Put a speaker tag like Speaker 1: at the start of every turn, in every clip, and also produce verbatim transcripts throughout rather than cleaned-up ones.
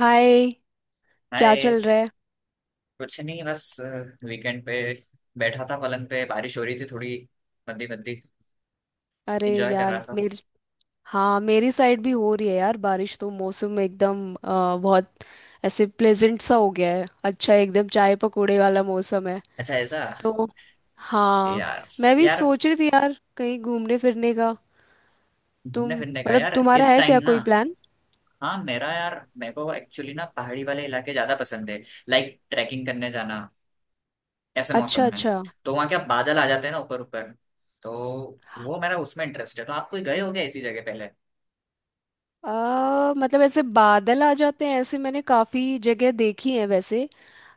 Speaker 1: हाय। क्या
Speaker 2: हाय।
Speaker 1: चल रहा है?
Speaker 2: कुछ नहीं, बस वीकेंड पे बैठा था पलंग पे। बारिश हो रही थी थोड़ी मंदी मंदी।
Speaker 1: अरे
Speaker 2: एंजॉय कर रहा
Speaker 1: यार,
Speaker 2: था।
Speaker 1: मेरी। हाँ, मेरी साइड भी हो रही है यार बारिश, तो मौसम एकदम अ, बहुत ऐसे प्लेजेंट सा हो गया है। अच्छा, एकदम चाय पकौड़े वाला मौसम है
Speaker 2: अच्छा ऐसा,
Speaker 1: तो। हाँ,
Speaker 2: यार।
Speaker 1: मैं भी
Speaker 2: यार,
Speaker 1: सोच रही थी यार कहीं घूमने फिरने का। तुम,
Speaker 2: घूमने फिरने का
Speaker 1: मतलब
Speaker 2: यार
Speaker 1: तुम्हारा
Speaker 2: इस
Speaker 1: है क्या
Speaker 2: टाइम ना।
Speaker 1: कोई प्लान?
Speaker 2: हाँ, मेरा यार, मेरे को एक्चुअली ना पहाड़ी वाले इलाके ज्यादा पसंद है। लाइक ट्रैकिंग करने जाना ऐसे मौसम
Speaker 1: अच्छा
Speaker 2: में।
Speaker 1: अच्छा।
Speaker 2: तो वहाँ क्या बादल आ जाते हैं ना, ऊपर ऊपर। तो वो मेरा उसमें इंटरेस्ट है। तो आप कोई गए हो क्या ऐसी जगह पहले?
Speaker 1: आ, मतलब ऐसे बादल आ जाते हैं, ऐसे मैंने काफी जगह देखी है वैसे।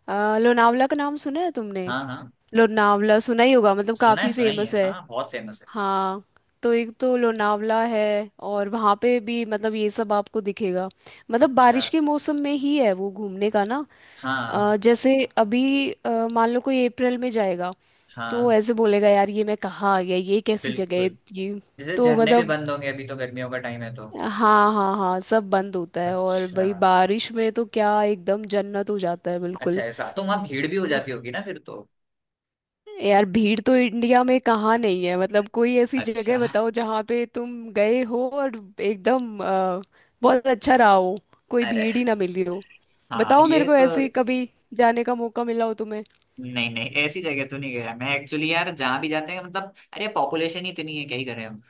Speaker 1: आ, लोनावला का नाम सुना है तुमने?
Speaker 2: हाँ हाँ,
Speaker 1: लोनावला सुना ही होगा, मतलब
Speaker 2: सुना है,
Speaker 1: काफी
Speaker 2: सुना ही
Speaker 1: फेमस
Speaker 2: है
Speaker 1: है।
Speaker 2: हाँ, बहुत फेमस है।
Speaker 1: हाँ, तो एक तो लोनावला है। और वहाँ पे भी मतलब ये सब आपको दिखेगा। मतलब
Speaker 2: अच्छा।
Speaker 1: बारिश के मौसम में ही है वो घूमने का ना।
Speaker 2: हाँ
Speaker 1: अ, जैसे अभी अ, मान लो कोई अप्रैल में जाएगा, तो
Speaker 2: हाँ,
Speaker 1: ऐसे बोलेगा यार ये मैं कहाँ आ गया, ये कैसी जगह है?
Speaker 2: बिल्कुल।
Speaker 1: ये
Speaker 2: जैसे
Speaker 1: तो
Speaker 2: झरने भी
Speaker 1: मतलब,
Speaker 2: बंद होंगे, अभी तो गर्मियों का टाइम है तो।
Speaker 1: हाँ हाँ हाँ, सब बंद होता है और
Speaker 2: अच्छा।
Speaker 1: भाई बारिश में तो क्या एकदम जन्नत हो जाता है,
Speaker 2: अच्छा
Speaker 1: बिल्कुल।
Speaker 2: ऐसा, तो वहां भीड़ भी हो जाती होगी ना फिर तो।
Speaker 1: यार, भीड़ तो इंडिया में कहाँ नहीं है। मतलब कोई ऐसी जगह
Speaker 2: अच्छा।
Speaker 1: बताओ जहाँ पे तुम गए हो और एकदम अ, बहुत अच्छा रहा हो, कोई
Speaker 2: अरे
Speaker 1: भीड़ ही ना मिली हो।
Speaker 2: हाँ,
Speaker 1: बताओ मेरे
Speaker 2: ये
Speaker 1: को
Speaker 2: तो।
Speaker 1: ऐसे ही कभी जाने का मौका मिला हो तुम्हें।
Speaker 2: नहीं नहीं, ऐसी जगह तो नहीं गया मैं एक्चुअली, यार जहाँ भी जाते हैं मतलब, अरे पॉपुलेशन ही इतनी है, क्या ही करें हम।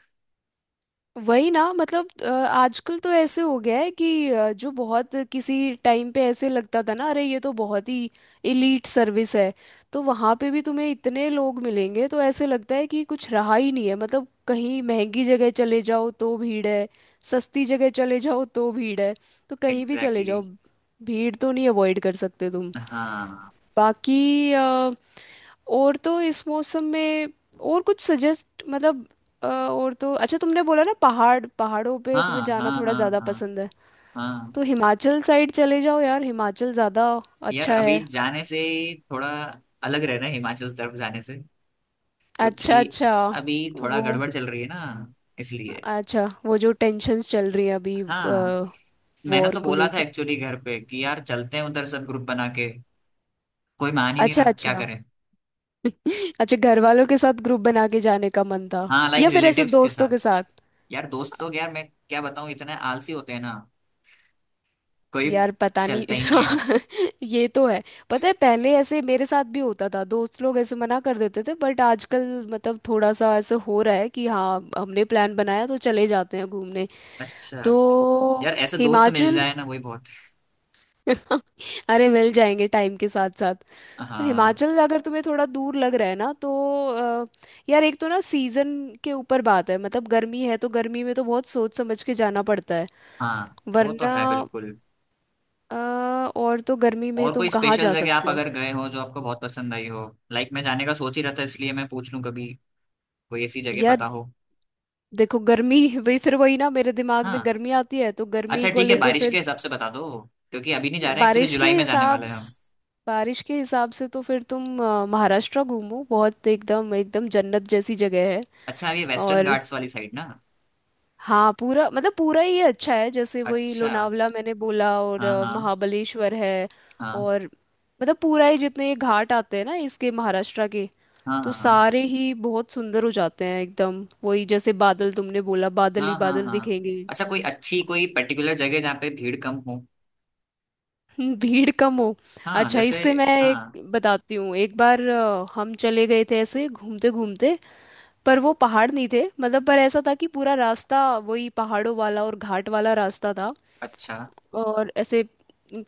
Speaker 1: वही ना, मतलब अ, आजकल तो ऐसे हो गया है कि अ, जो बहुत किसी टाइम पे ऐसे लगता था ना, अरे ये तो बहुत ही इलीट सर्विस है, तो वहाँ पे भी तुम्हें इतने लोग मिलेंगे तो ऐसे लगता है कि कुछ रहा ही नहीं है। मतलब कहीं महंगी जगह चले जाओ तो भीड़ है, सस्ती जगह चले जाओ तो भीड़ है, तो कहीं भी चले
Speaker 2: एग्जैक्टली
Speaker 1: जाओ
Speaker 2: exactly।
Speaker 1: भीड़ तो नहीं अवॉइड कर सकते तुम।
Speaker 2: हाँ
Speaker 1: बाकी अ, और तो इस मौसम में और कुछ सजेस्ट, मतलब अ, और तो अच्छा, तुमने बोला ना पहाड़ पहाड़ों पे तुम्हें
Speaker 2: हाँ
Speaker 1: जाना
Speaker 2: हाँ
Speaker 1: थोड़ा
Speaker 2: हाँ
Speaker 1: ज़्यादा
Speaker 2: हाँ
Speaker 1: पसंद है,
Speaker 2: हाँ।
Speaker 1: तो हिमाचल साइड चले जाओ यार, हिमाचल ज़्यादा
Speaker 2: यार
Speaker 1: अच्छा
Speaker 2: अभी
Speaker 1: है।
Speaker 2: जाने से थोड़ा अलग रहना है हिमाचल तरफ जाने से,
Speaker 1: अच्छा
Speaker 2: क्योंकि
Speaker 1: अच्छा।
Speaker 2: अभी थोड़ा
Speaker 1: वो,
Speaker 2: गड़बड़ चल रही है ना, इसलिए।
Speaker 1: अच्छा, वो जो टेंशन्स चल रही है अभी,
Speaker 2: हाँ, मैंने
Speaker 1: वॉर
Speaker 2: तो
Speaker 1: को
Speaker 2: बोला था
Speaker 1: लेके।
Speaker 2: एक्चुअली घर पे कि यार चलते हैं उधर सब ग्रुप बना के। कोई मान ही नहीं
Speaker 1: अच्छा
Speaker 2: रहा, क्या
Speaker 1: अच्छा।
Speaker 2: करें।
Speaker 1: अच्छा, घर वालों के साथ ग्रुप बना के जाने का मन था,
Speaker 2: हाँ, लाइक
Speaker 1: या फिर ऐसे
Speaker 2: रिलेटिव्स के
Speaker 1: दोस्तों के
Speaker 2: साथ।
Speaker 1: साथ।
Speaker 2: यार दोस्त लोग, यार मैं क्या बताऊँ, इतने आलसी होते हैं ना। कोई
Speaker 1: यार पता नहीं।
Speaker 2: चलता ही नहीं है।
Speaker 1: हाँ, ये तो है। पता है पहले ऐसे मेरे साथ भी होता था, दोस्त लोग ऐसे मना कर देते थे, बट आजकल मतलब थोड़ा सा ऐसे हो रहा है कि हाँ, हमने प्लान बनाया तो चले जाते हैं घूमने।
Speaker 2: अच्छा।
Speaker 1: तो
Speaker 2: यार ऐसे दोस्त तो मिल
Speaker 1: हिमाचल।
Speaker 2: जाए ना, वही बहुत।
Speaker 1: अरे मिल जाएंगे टाइम के साथ साथ। तो
Speaker 2: हाँ
Speaker 1: हिमाचल अगर तुम्हें थोड़ा दूर लग रहा है ना, तो अ, यार एक तो ना सीजन के ऊपर बात है, मतलब गर्मी है तो गर्मी में तो बहुत सोच समझ के जाना पड़ता है,
Speaker 2: हाँ, वो तो
Speaker 1: वरना
Speaker 2: है बिल्कुल।
Speaker 1: अ, और तो गर्मी में
Speaker 2: और
Speaker 1: तुम
Speaker 2: कोई
Speaker 1: कहाँ
Speaker 2: स्पेशल
Speaker 1: जा
Speaker 2: जगह आप
Speaker 1: सकते हो।
Speaker 2: अगर गए हो जो आपको बहुत पसंद आई हो? लाइक मैं जाने का सोच ही रहा था, इसलिए मैं पूछ लूँ, कभी कोई ऐसी जगह
Speaker 1: यार
Speaker 2: पता हो।
Speaker 1: देखो गर्मी। वही फिर, वही ना, मेरे दिमाग में
Speaker 2: हाँ,
Speaker 1: गर्मी आती है तो गर्मी
Speaker 2: अच्छा
Speaker 1: को
Speaker 2: ठीक है,
Speaker 1: लेके
Speaker 2: बारिश के
Speaker 1: फिर।
Speaker 2: हिसाब से बता दो। क्योंकि अभी नहीं जा रहे हैं एक्चुअली,
Speaker 1: बारिश के
Speaker 2: जुलाई में जाने
Speaker 1: हिसाब
Speaker 2: वाले हैं हम।
Speaker 1: स- बारिश के हिसाब से तो फिर तुम अ, महाराष्ट्र घूमो, बहुत एकदम एकदम जन्नत जैसी जगह है।
Speaker 2: अच्छा, ये वेस्टर्न
Speaker 1: और
Speaker 2: घाट्स वाली साइड ना।
Speaker 1: हाँ, पूरा, मतलब पूरा ही अच्छा है। जैसे वही
Speaker 2: अच्छा।
Speaker 1: लोनावला मैंने बोला और
Speaker 2: हाँ
Speaker 1: अ,
Speaker 2: हाँ
Speaker 1: महाबलेश्वर है।
Speaker 2: हाँ
Speaker 1: और मतलब पूरा ही जितने ये घाट आते हैं ना, इसके महाराष्ट्र के,
Speaker 2: हाँ
Speaker 1: तो
Speaker 2: हाँ
Speaker 1: सारे ही बहुत सुंदर हो जाते हैं एकदम। वही जैसे बादल तुमने बोला, बादल
Speaker 2: हाँ
Speaker 1: ही
Speaker 2: हाँ हाँ
Speaker 1: बादल
Speaker 2: हाँ।
Speaker 1: दिखेंगे।
Speaker 2: अच्छा, कोई अच्छी, कोई पर्टिकुलर जगह जहाँ पे भीड़ कम हो?
Speaker 1: हम्म, भीड़ कम हो।
Speaker 2: हाँ
Speaker 1: अच्छा,
Speaker 2: जैसे।
Speaker 1: इससे मैं एक
Speaker 2: हाँ।
Speaker 1: बताती हूँ। एक बार अ, हम चले गए थे ऐसे घूमते घूमते, पर वो पहाड़ नहीं थे, मतलब पर ऐसा था कि पूरा रास्ता वही पहाड़ों वाला और घाट वाला रास्ता था।
Speaker 2: अच्छा।
Speaker 1: और ऐसे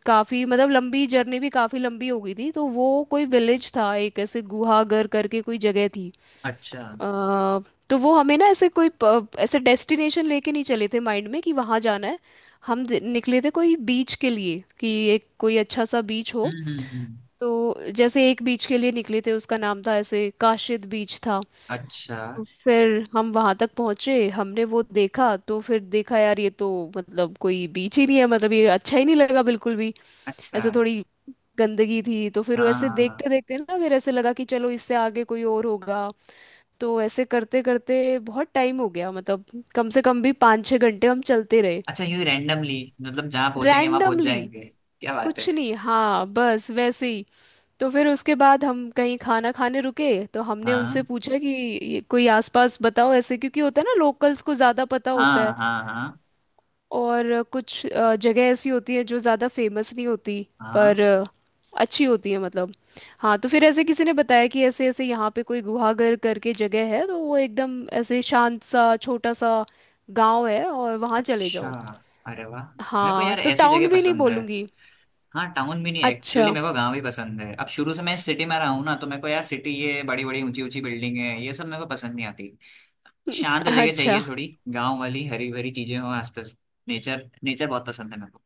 Speaker 1: काफ़ी, मतलब लंबी जर्नी भी काफ़ी लंबी हो गई थी। तो वो कोई विलेज था, एक ऐसे गुहागर करके कोई जगह थी।
Speaker 2: अच्छा।
Speaker 1: अ, तो वो हमें ना ऐसे कोई प- ऐसे डेस्टिनेशन लेके नहीं चले थे माइंड में कि वहाँ जाना है, हम दे- निकले थे कोई बीच के लिए कि एक कोई अच्छा सा बीच हो।
Speaker 2: हम्म हम्म हम्म।
Speaker 1: तो जैसे एक बीच के लिए निकले थे उसका नाम था ऐसे काशिद बीच था।
Speaker 2: अच्छा।
Speaker 1: तो फिर हम वहाँ तक पहुँचे, हमने वो देखा तो फिर देखा, यार ये तो मतलब कोई बीच ही नहीं है, मतलब ये अच्छा ही नहीं लगा बिल्कुल भी।
Speaker 2: अच्छा।
Speaker 1: ऐसे थोड़ी गंदगी थी। तो फिर
Speaker 2: हाँ
Speaker 1: वैसे
Speaker 2: हाँ हाँ।
Speaker 1: देखते देखते ना, फिर ऐसे लगा कि चलो इससे आगे कोई और होगा। तो ऐसे करते करते बहुत टाइम हो गया, मतलब कम से कम भी पाँच छः घंटे हम चलते रहे।
Speaker 2: अच्छा, यूँ रैंडमली मतलब जहाँ पहुँचेंगे वहाँ पहुँच
Speaker 1: रैंडमली।
Speaker 2: जाएंगे। क्या बात है।
Speaker 1: कुछ नहीं, हाँ, बस वैसे ही। तो फिर उसके बाद हम कहीं खाना खाने रुके तो हमने
Speaker 2: हाँ
Speaker 1: उनसे पूछा कि ये कोई आसपास बताओ ऐसे, क्योंकि होता है ना, लोकल्स को ज़्यादा पता होता
Speaker 2: हाँ
Speaker 1: है
Speaker 2: हाँ हाँ
Speaker 1: और कुछ अ, जगह ऐसी होती है जो ज़्यादा फेमस नहीं होती, पर
Speaker 2: हाँ।
Speaker 1: अ, अच्छी होती है, मतलब। हाँ, तो फिर ऐसे किसी ने बताया कि ऐसे ऐसे यहाँ पे कोई गुहागर करके जगह है, तो वो एकदम ऐसे शांत सा छोटा सा गांव है और वहाँ चले
Speaker 2: अच्छा,
Speaker 1: जाओ।
Speaker 2: अरे वाह, मेरे को
Speaker 1: हाँ,
Speaker 2: यार
Speaker 1: तो
Speaker 2: ऐसी जगह
Speaker 1: टाउन भी नहीं
Speaker 2: पसंद है।
Speaker 1: बोलूँगी।
Speaker 2: हाँ, टाउन भी नहीं
Speaker 1: अच्छा।
Speaker 2: एक्चुअली, मेरे को गांव ही पसंद है। अब शुरू से मैं सिटी में रहा हूँ ना, तो मेरे को यार सिटी ये बड़ी बड़ी ऊंची ऊंची बिल्डिंग है ये सब मेरे को पसंद नहीं आती। शांत जगह
Speaker 1: अच्छा।
Speaker 2: चाहिए थोड़ी, गांव वाली हरी भरी चीजें हो आसपास। नेचर नेचर बहुत पसंद है मेरे को,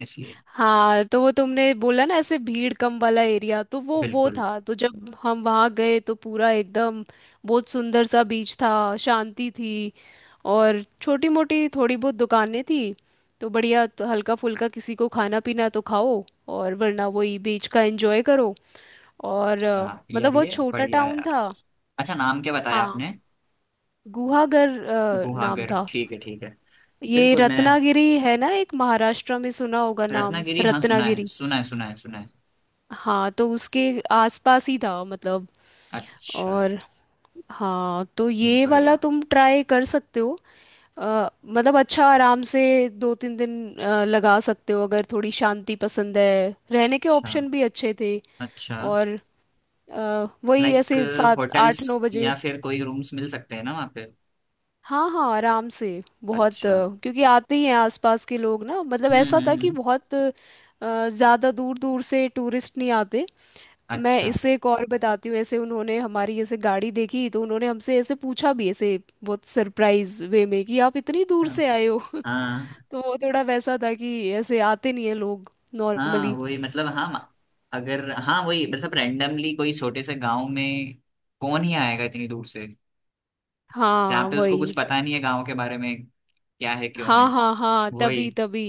Speaker 2: इसलिए।
Speaker 1: हाँ, तो वो तुमने बोला ना ऐसे भीड़ कम वाला एरिया, तो वो वो
Speaker 2: बिल्कुल।
Speaker 1: था। तो जब हम वहाँ गए तो पूरा एकदम बहुत सुंदर सा बीच था। शांति थी। और छोटी मोटी थोड़ी बहुत दुकानें थी। तो बढ़िया। तो हल्का फुल्का किसी को खाना पीना तो खाओ, और वरना वही बीच का एंजॉय करो। और अ,
Speaker 2: हाँ
Speaker 1: मतलब
Speaker 2: यार,
Speaker 1: बहुत
Speaker 2: ये
Speaker 1: छोटा
Speaker 2: बढ़िया है
Speaker 1: टाउन
Speaker 2: यार।
Speaker 1: था।
Speaker 2: अच्छा, नाम क्या बताया
Speaker 1: हाँ,
Speaker 2: आपने?
Speaker 1: गुहागर अ, नाम
Speaker 2: गुहागर,
Speaker 1: था।
Speaker 2: ठीक है ठीक है।
Speaker 1: ये
Speaker 2: बिल्कुल मैं।
Speaker 1: रत्नागिरी है ना, एक महाराष्ट्र में, सुना होगा नाम
Speaker 2: रत्नागिरी हाँ, सुना है,
Speaker 1: रत्नागिरी।
Speaker 2: सुना है, सुना है, सुना है।
Speaker 1: हाँ, तो उसके आसपास ही था मतलब।
Speaker 2: अच्छा।
Speaker 1: और हाँ, तो ये वाला
Speaker 2: बढ़िया।
Speaker 1: तुम ट्राई कर सकते हो। अ, मतलब अच्छा, आराम से दो तीन दिन अ, लगा सकते हो अगर थोड़ी शांति पसंद है। रहने के
Speaker 2: अच्छा।
Speaker 1: ऑप्शन भी अच्छे थे,
Speaker 2: अच्छा।
Speaker 1: और अ, वही
Speaker 2: लाइक
Speaker 1: ऐसे सात
Speaker 2: होटल्स,
Speaker 1: आठ नौ बजे।
Speaker 2: या फिर कोई रूम्स मिल सकते हैं ना वहाँ?
Speaker 1: हाँ हाँ, आराम से। बहुत
Speaker 2: अच्छा।
Speaker 1: अ, क्योंकि आते ही हैं आसपास के लोग ना, मतलब
Speaker 2: हम्म
Speaker 1: ऐसा था
Speaker 2: हम्म
Speaker 1: कि
Speaker 2: हम्म।
Speaker 1: बहुत अ, ज़्यादा दूर दूर से टूरिस्ट नहीं आते। मैं
Speaker 2: अच्छा।
Speaker 1: इससे एक और बताती हूँ। ऐसे उन्होंने हमारी ऐसे गाड़ी देखी तो उन्होंने हमसे ऐसे पूछा भी, ऐसे बहुत सरप्राइज वे में, कि आप इतनी दूर से आए हो।
Speaker 2: हाँ
Speaker 1: तो वो थोड़ा वैसा था कि ऐसे आते नहीं है लोग
Speaker 2: हाँ
Speaker 1: नॉर्मली।
Speaker 2: वही मतलब, हाँ अगर, हाँ वही मतलब रैंडमली कोई छोटे से गांव में कौन ही आएगा इतनी दूर से, जहाँ
Speaker 1: हाँ,
Speaker 2: पे उसको कुछ
Speaker 1: वही।
Speaker 2: पता नहीं है गांव के बारे में क्या है क्यों
Speaker 1: हाँ
Speaker 2: है।
Speaker 1: हाँ हाँ,
Speaker 2: वही।
Speaker 1: तभी तभी।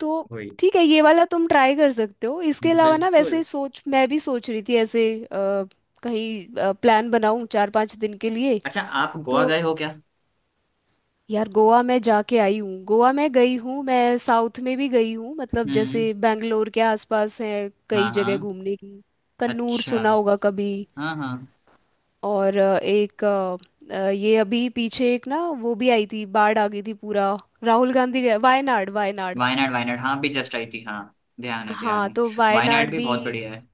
Speaker 1: तो
Speaker 2: वही।
Speaker 1: ठीक है, ये वाला तुम ट्राई कर सकते हो। इसके अलावा ना,
Speaker 2: बिल्कुल।
Speaker 1: वैसे सोच मैं भी सोच रही थी ऐसे अ, कहीं प्लान बनाऊं चार पांच दिन के लिए।
Speaker 2: अच्छा, आप गोवा
Speaker 1: तो
Speaker 2: गए हो क्या?
Speaker 1: यार गोवा मैं जाके आई हूँ, गोवा मैं गई हूँ, मैं साउथ में भी गई हूँ, मतलब
Speaker 2: हम्म।
Speaker 1: जैसे बैंगलोर के आसपास है
Speaker 2: हाँ
Speaker 1: कई जगह
Speaker 2: हाँ।
Speaker 1: घूमने की। कन्नूर
Speaker 2: अच्छा।
Speaker 1: सुना होगा कभी?
Speaker 2: हाँ हाँ।
Speaker 1: और अ, एक अ, अ, ये अभी पीछे एक ना वो भी आई थी, बाढ़ आ गई थी पूरा, राहुल गांधी गया, वायनाड वायनाड।
Speaker 2: वायनाड वायनाड हाँ, भी जस्ट आई थी हाँ। ध्यान है, ध्यान
Speaker 1: हाँ,
Speaker 2: है।
Speaker 1: तो
Speaker 2: वायनाड
Speaker 1: वायनाड
Speaker 2: भी
Speaker 1: भी।
Speaker 2: बहुत बढ़िया है।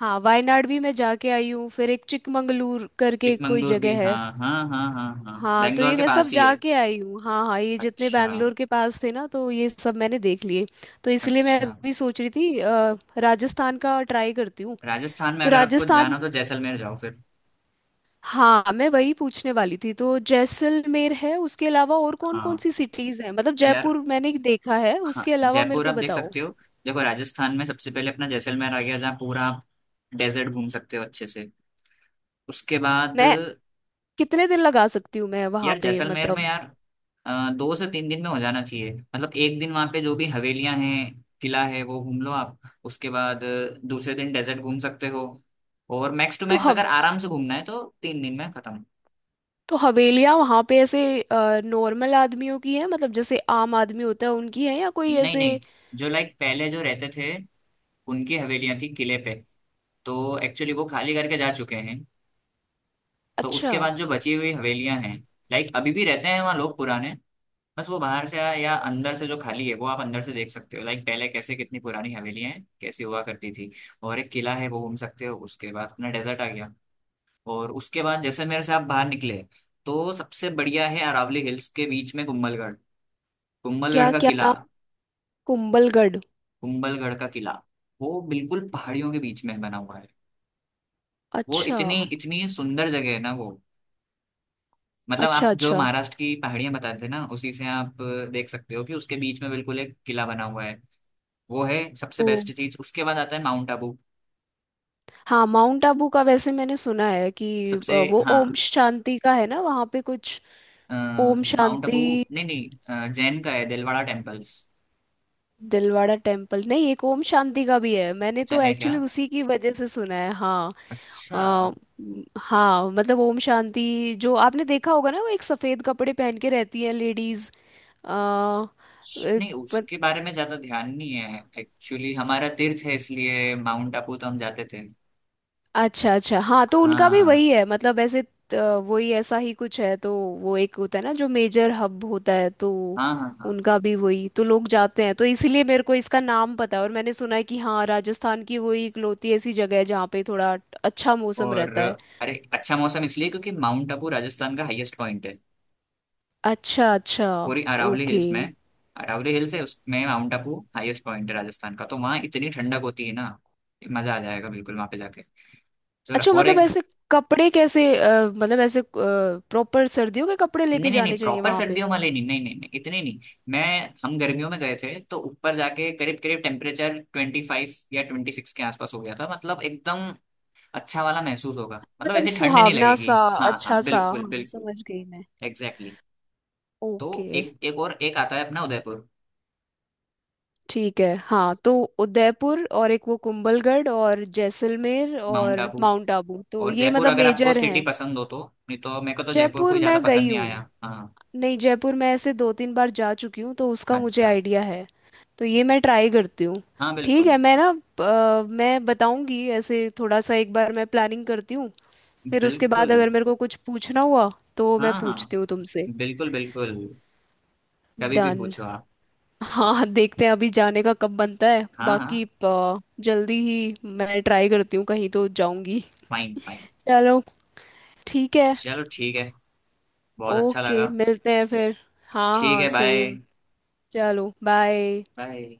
Speaker 1: हाँ, वायनाड भी मैं जाके आई हूँ। फिर एक चिकमंगलूर करके कोई
Speaker 2: चिकमंगलूर भी,
Speaker 1: जगह
Speaker 2: हाँ
Speaker 1: है।
Speaker 2: हाँ हाँ हाँ हाँ,
Speaker 1: हाँ, तो
Speaker 2: बेंगलोर
Speaker 1: ये
Speaker 2: के
Speaker 1: मैं सब
Speaker 2: पास ही है।
Speaker 1: जाके आई हूँ। हाँ हाँ, ये जितने
Speaker 2: अच्छा।
Speaker 1: बैंगलोर के पास थे ना, तो ये सब मैंने देख लिए। तो इसलिए मैं
Speaker 2: अच्छा।
Speaker 1: अभी सोच रही थी अ, राजस्थान का ट्राई करती हूँ।
Speaker 2: राजस्थान में
Speaker 1: तो
Speaker 2: अगर आपको जाना
Speaker 1: राजस्थान,
Speaker 2: हो तो जैसलमेर जाओ फिर।
Speaker 1: हाँ, मैं वही पूछने वाली थी। तो जैसलमेर है उसके अलावा और कौन
Speaker 2: हाँ
Speaker 1: कौन सी सिटीज हैं, मतलब
Speaker 2: यार।
Speaker 1: जयपुर मैंने देखा है
Speaker 2: हाँ
Speaker 1: उसके अलावा मेरे
Speaker 2: जयपुर
Speaker 1: को
Speaker 2: आप देख
Speaker 1: बताओ।
Speaker 2: सकते हो। देखो राजस्थान में सबसे पहले अपना जैसलमेर आ गया, जहाँ पूरा आप डेजर्ट घूम सकते हो अच्छे से। उसके बाद,
Speaker 1: मैं कितने दिन लगा सकती हूँ मैं वहाँ
Speaker 2: यार
Speaker 1: पे,
Speaker 2: जैसलमेर में
Speaker 1: मतलब?
Speaker 2: यार अ, दो से तीन दिन में हो जाना चाहिए। मतलब एक दिन वहाँ पे जो भी हवेलियाँ हैं किला है वो घूम लो आप। उसके बाद अ, दूसरे दिन डेजर्ट घूम सकते हो। और मैक्स टू
Speaker 1: तो
Speaker 2: मैक्स
Speaker 1: हम,
Speaker 2: अगर आराम से घूमना है तो तीन दिन में खत्म।
Speaker 1: तो हवेलियाँ वहाँ पे ऐसे नॉर्मल आदमियों की है, मतलब जैसे आम आदमी होता है उनकी है, या कोई
Speaker 2: नहीं
Speaker 1: ऐसे?
Speaker 2: नहीं, जो लाइक पहले जो रहते थे, उनकी हवेलियां थी किले पे। तो एक्चुअली वो खाली करके जा चुके हैं। तो
Speaker 1: अच्छा।
Speaker 2: उसके बाद जो बची हुई हवेलियां हैं, लाइक अभी भी रहते हैं वहाँ लोग पुराने, बस वो बाहर से या अंदर से जो खाली है वो आप अंदर से देख सकते हो, लाइक पहले कैसे, कितनी पुरानी हवेलियां हैं कैसी हुआ करती थी। और एक किला है वो घूम सकते हो, उसके बाद अपना डेजर्ट आ गया। और उसके बाद जैसे मेरे से आप बाहर निकले, तो सबसे बढ़िया है अरावली हिल्स के बीच में कुंभलगढ़।
Speaker 1: क्या
Speaker 2: कुंभलगढ़ का
Speaker 1: क्या
Speaker 2: किला।
Speaker 1: नाम? कुंभलगढ़।
Speaker 2: कुंभलगढ़ का किला, वो बिल्कुल पहाड़ियों के बीच में बना हुआ है। वो
Speaker 1: अच्छा
Speaker 2: इतनी इतनी सुंदर जगह है ना वो। मतलब
Speaker 1: अच्छा।
Speaker 2: आप जो
Speaker 1: अच्छा।
Speaker 2: महाराष्ट्र की पहाड़ियां बताते थे ना, उसी से आप अ, देख सकते हो कि उसके बीच में बिल्कुल एक किला बना हुआ है। वो है सबसे
Speaker 1: ओ
Speaker 2: बेस्ट चीज। उसके बाद आता है माउंट आबू।
Speaker 1: हाँ, माउंट आबू का वैसे मैंने सुना है कि अ,
Speaker 2: सबसे
Speaker 1: वो
Speaker 2: हाँ।
Speaker 1: ओम शांति का है ना वहाँ पे कुछ।
Speaker 2: अ,
Speaker 1: ओम
Speaker 2: माउंट आबू।
Speaker 1: शांति।
Speaker 2: नहीं नहीं, अ, जैन का है दिलवाड़ा टेम्पल्स।
Speaker 1: दिलवाड़ा टेम्पल नहीं, एक ओम शांति का भी है, मैंने
Speaker 2: अच्छा
Speaker 1: तो
Speaker 2: है क्या?
Speaker 1: एक्चुअली उसी की वजह से सुना है, हाँ। अ,
Speaker 2: अच्छा।
Speaker 1: म, हाँ, मतलब ओम शांति जो आपने देखा होगा ना, वो एक सफेद कपड़े पहन के रहती है लेडीज।
Speaker 2: नहीं उसके बारे में ज्यादा ध्यान नहीं है एक्चुअली, हमारा तीर्थ है इसलिए माउंट आबू तो हम जाते थे।
Speaker 1: अच्छा अच्छा। हाँ, तो उनका भी वही
Speaker 2: हाँ
Speaker 1: है, मतलब ऐसे अ, वही ऐसा ही कुछ है तो। वो एक होता है ना जो मेजर हब होता है, तो
Speaker 2: हाँ हाँ हाँ।
Speaker 1: उनका भी वही तो लोग जाते हैं, तो इसीलिए मेरे को इसका नाम पता है। और मैंने सुना है कि हाँ, राजस्थान की वही इकलौती ऐसी जगह है जहाँ पे थोड़ा अच्छा मौसम
Speaker 2: और
Speaker 1: रहता है।
Speaker 2: अरे, अच्छा मौसम इसलिए क्योंकि माउंट आबू राजस्थान का हाईएस्ट पॉइंट है।
Speaker 1: अच्छा अच्छा।
Speaker 2: पूरी अरावली
Speaker 1: ओके।
Speaker 2: हिल्स में। अरावली हिल्स है, उसमें माउंट आबू हाईएस्ट पॉइंट है राजस्थान का। तो वहाँ इतनी ठंडक होती है ना, मजा आ जाएगा बिल्कुल वहाँ पे जाके। तो
Speaker 1: अच्छा
Speaker 2: और
Speaker 1: मतलब
Speaker 2: एक।
Speaker 1: ऐसे कपड़े कैसे अ, मतलब ऐसे प्रॉपर सर्दियों के कपड़े
Speaker 2: नहीं
Speaker 1: लेके
Speaker 2: नहीं
Speaker 1: जाने
Speaker 2: नहीं
Speaker 1: चाहिए
Speaker 2: प्रॉपर
Speaker 1: वहाँ पे?
Speaker 2: सर्दियों वाले नहीं, नहीं नहीं नहीं इतने नहीं। मैं हम गर्मियों में गए थे, तो ऊपर जाके करीब करीब टेम्परेचर ट्वेंटी फाइव या ट्वेंटी सिक्स के आसपास हो गया था, मतलब एकदम। अच्छा वाला महसूस होगा मतलब,
Speaker 1: मतलब
Speaker 2: ऐसी ठंड नहीं
Speaker 1: सुहावना
Speaker 2: लगेगी।
Speaker 1: सा
Speaker 2: हाँ
Speaker 1: अच्छा
Speaker 2: हाँ,
Speaker 1: सा,
Speaker 2: बिल्कुल
Speaker 1: हाँ,
Speaker 2: बिल्कुल।
Speaker 1: समझ गई मैं।
Speaker 2: एग्जैक्टली। तो
Speaker 1: ओके।
Speaker 2: एक, एक और एक आता है अपना उदयपुर।
Speaker 1: ठीक है। हाँ, तो उदयपुर और एक वो कुंभलगढ़ और जैसलमेर
Speaker 2: माउंट
Speaker 1: और
Speaker 2: आबू
Speaker 1: माउंट आबू, तो
Speaker 2: और
Speaker 1: ये
Speaker 2: जयपुर
Speaker 1: मतलब
Speaker 2: अगर आपको
Speaker 1: मेजर
Speaker 2: सिटी
Speaker 1: हैं।
Speaker 2: पसंद हो तो। नहीं तो मेरे को तो जयपुर
Speaker 1: जयपुर
Speaker 2: कोई ज्यादा
Speaker 1: मैं
Speaker 2: पसंद
Speaker 1: गई
Speaker 2: नहीं
Speaker 1: हूँ।
Speaker 2: आया, हाँ।
Speaker 1: नहीं, जयपुर मैं ऐसे दो तीन बार जा चुकी हूँ, तो उसका मुझे
Speaker 2: अच्छा।
Speaker 1: आइडिया है। तो ये मैं ट्राई करती हूँ।
Speaker 2: हाँ
Speaker 1: ठीक
Speaker 2: बिल्कुल
Speaker 1: है, मैं ना अ, मैं बताऊंगी ऐसे थोड़ा सा, एक बार मैं प्लानिंग करती हूँ, फिर उसके बाद
Speaker 2: बिल्कुल।
Speaker 1: अगर मेरे को कुछ पूछना हुआ तो मैं
Speaker 2: हाँ हाँ
Speaker 1: पूछती हूँ तुमसे।
Speaker 2: बिल्कुल बिल्कुल, कभी भी
Speaker 1: डन।
Speaker 2: पूछो आप।
Speaker 1: हाँ, देखते हैं अभी जाने का कब बनता है,
Speaker 2: हाँ
Speaker 1: बाकी
Speaker 2: हाँ।
Speaker 1: अ, जल्दी ही मैं ट्राई करती हूँ, कहीं तो जाऊंगी।
Speaker 2: Fine fine.
Speaker 1: चलो, ठीक है।
Speaker 2: चलो ठीक है। बहुत अच्छा
Speaker 1: ओके,
Speaker 2: लगा।
Speaker 1: मिलते हैं फिर। हाँ
Speaker 2: ठीक
Speaker 1: हाँ,
Speaker 2: है, बाय।
Speaker 1: सेम। चलो बाय।
Speaker 2: बाय।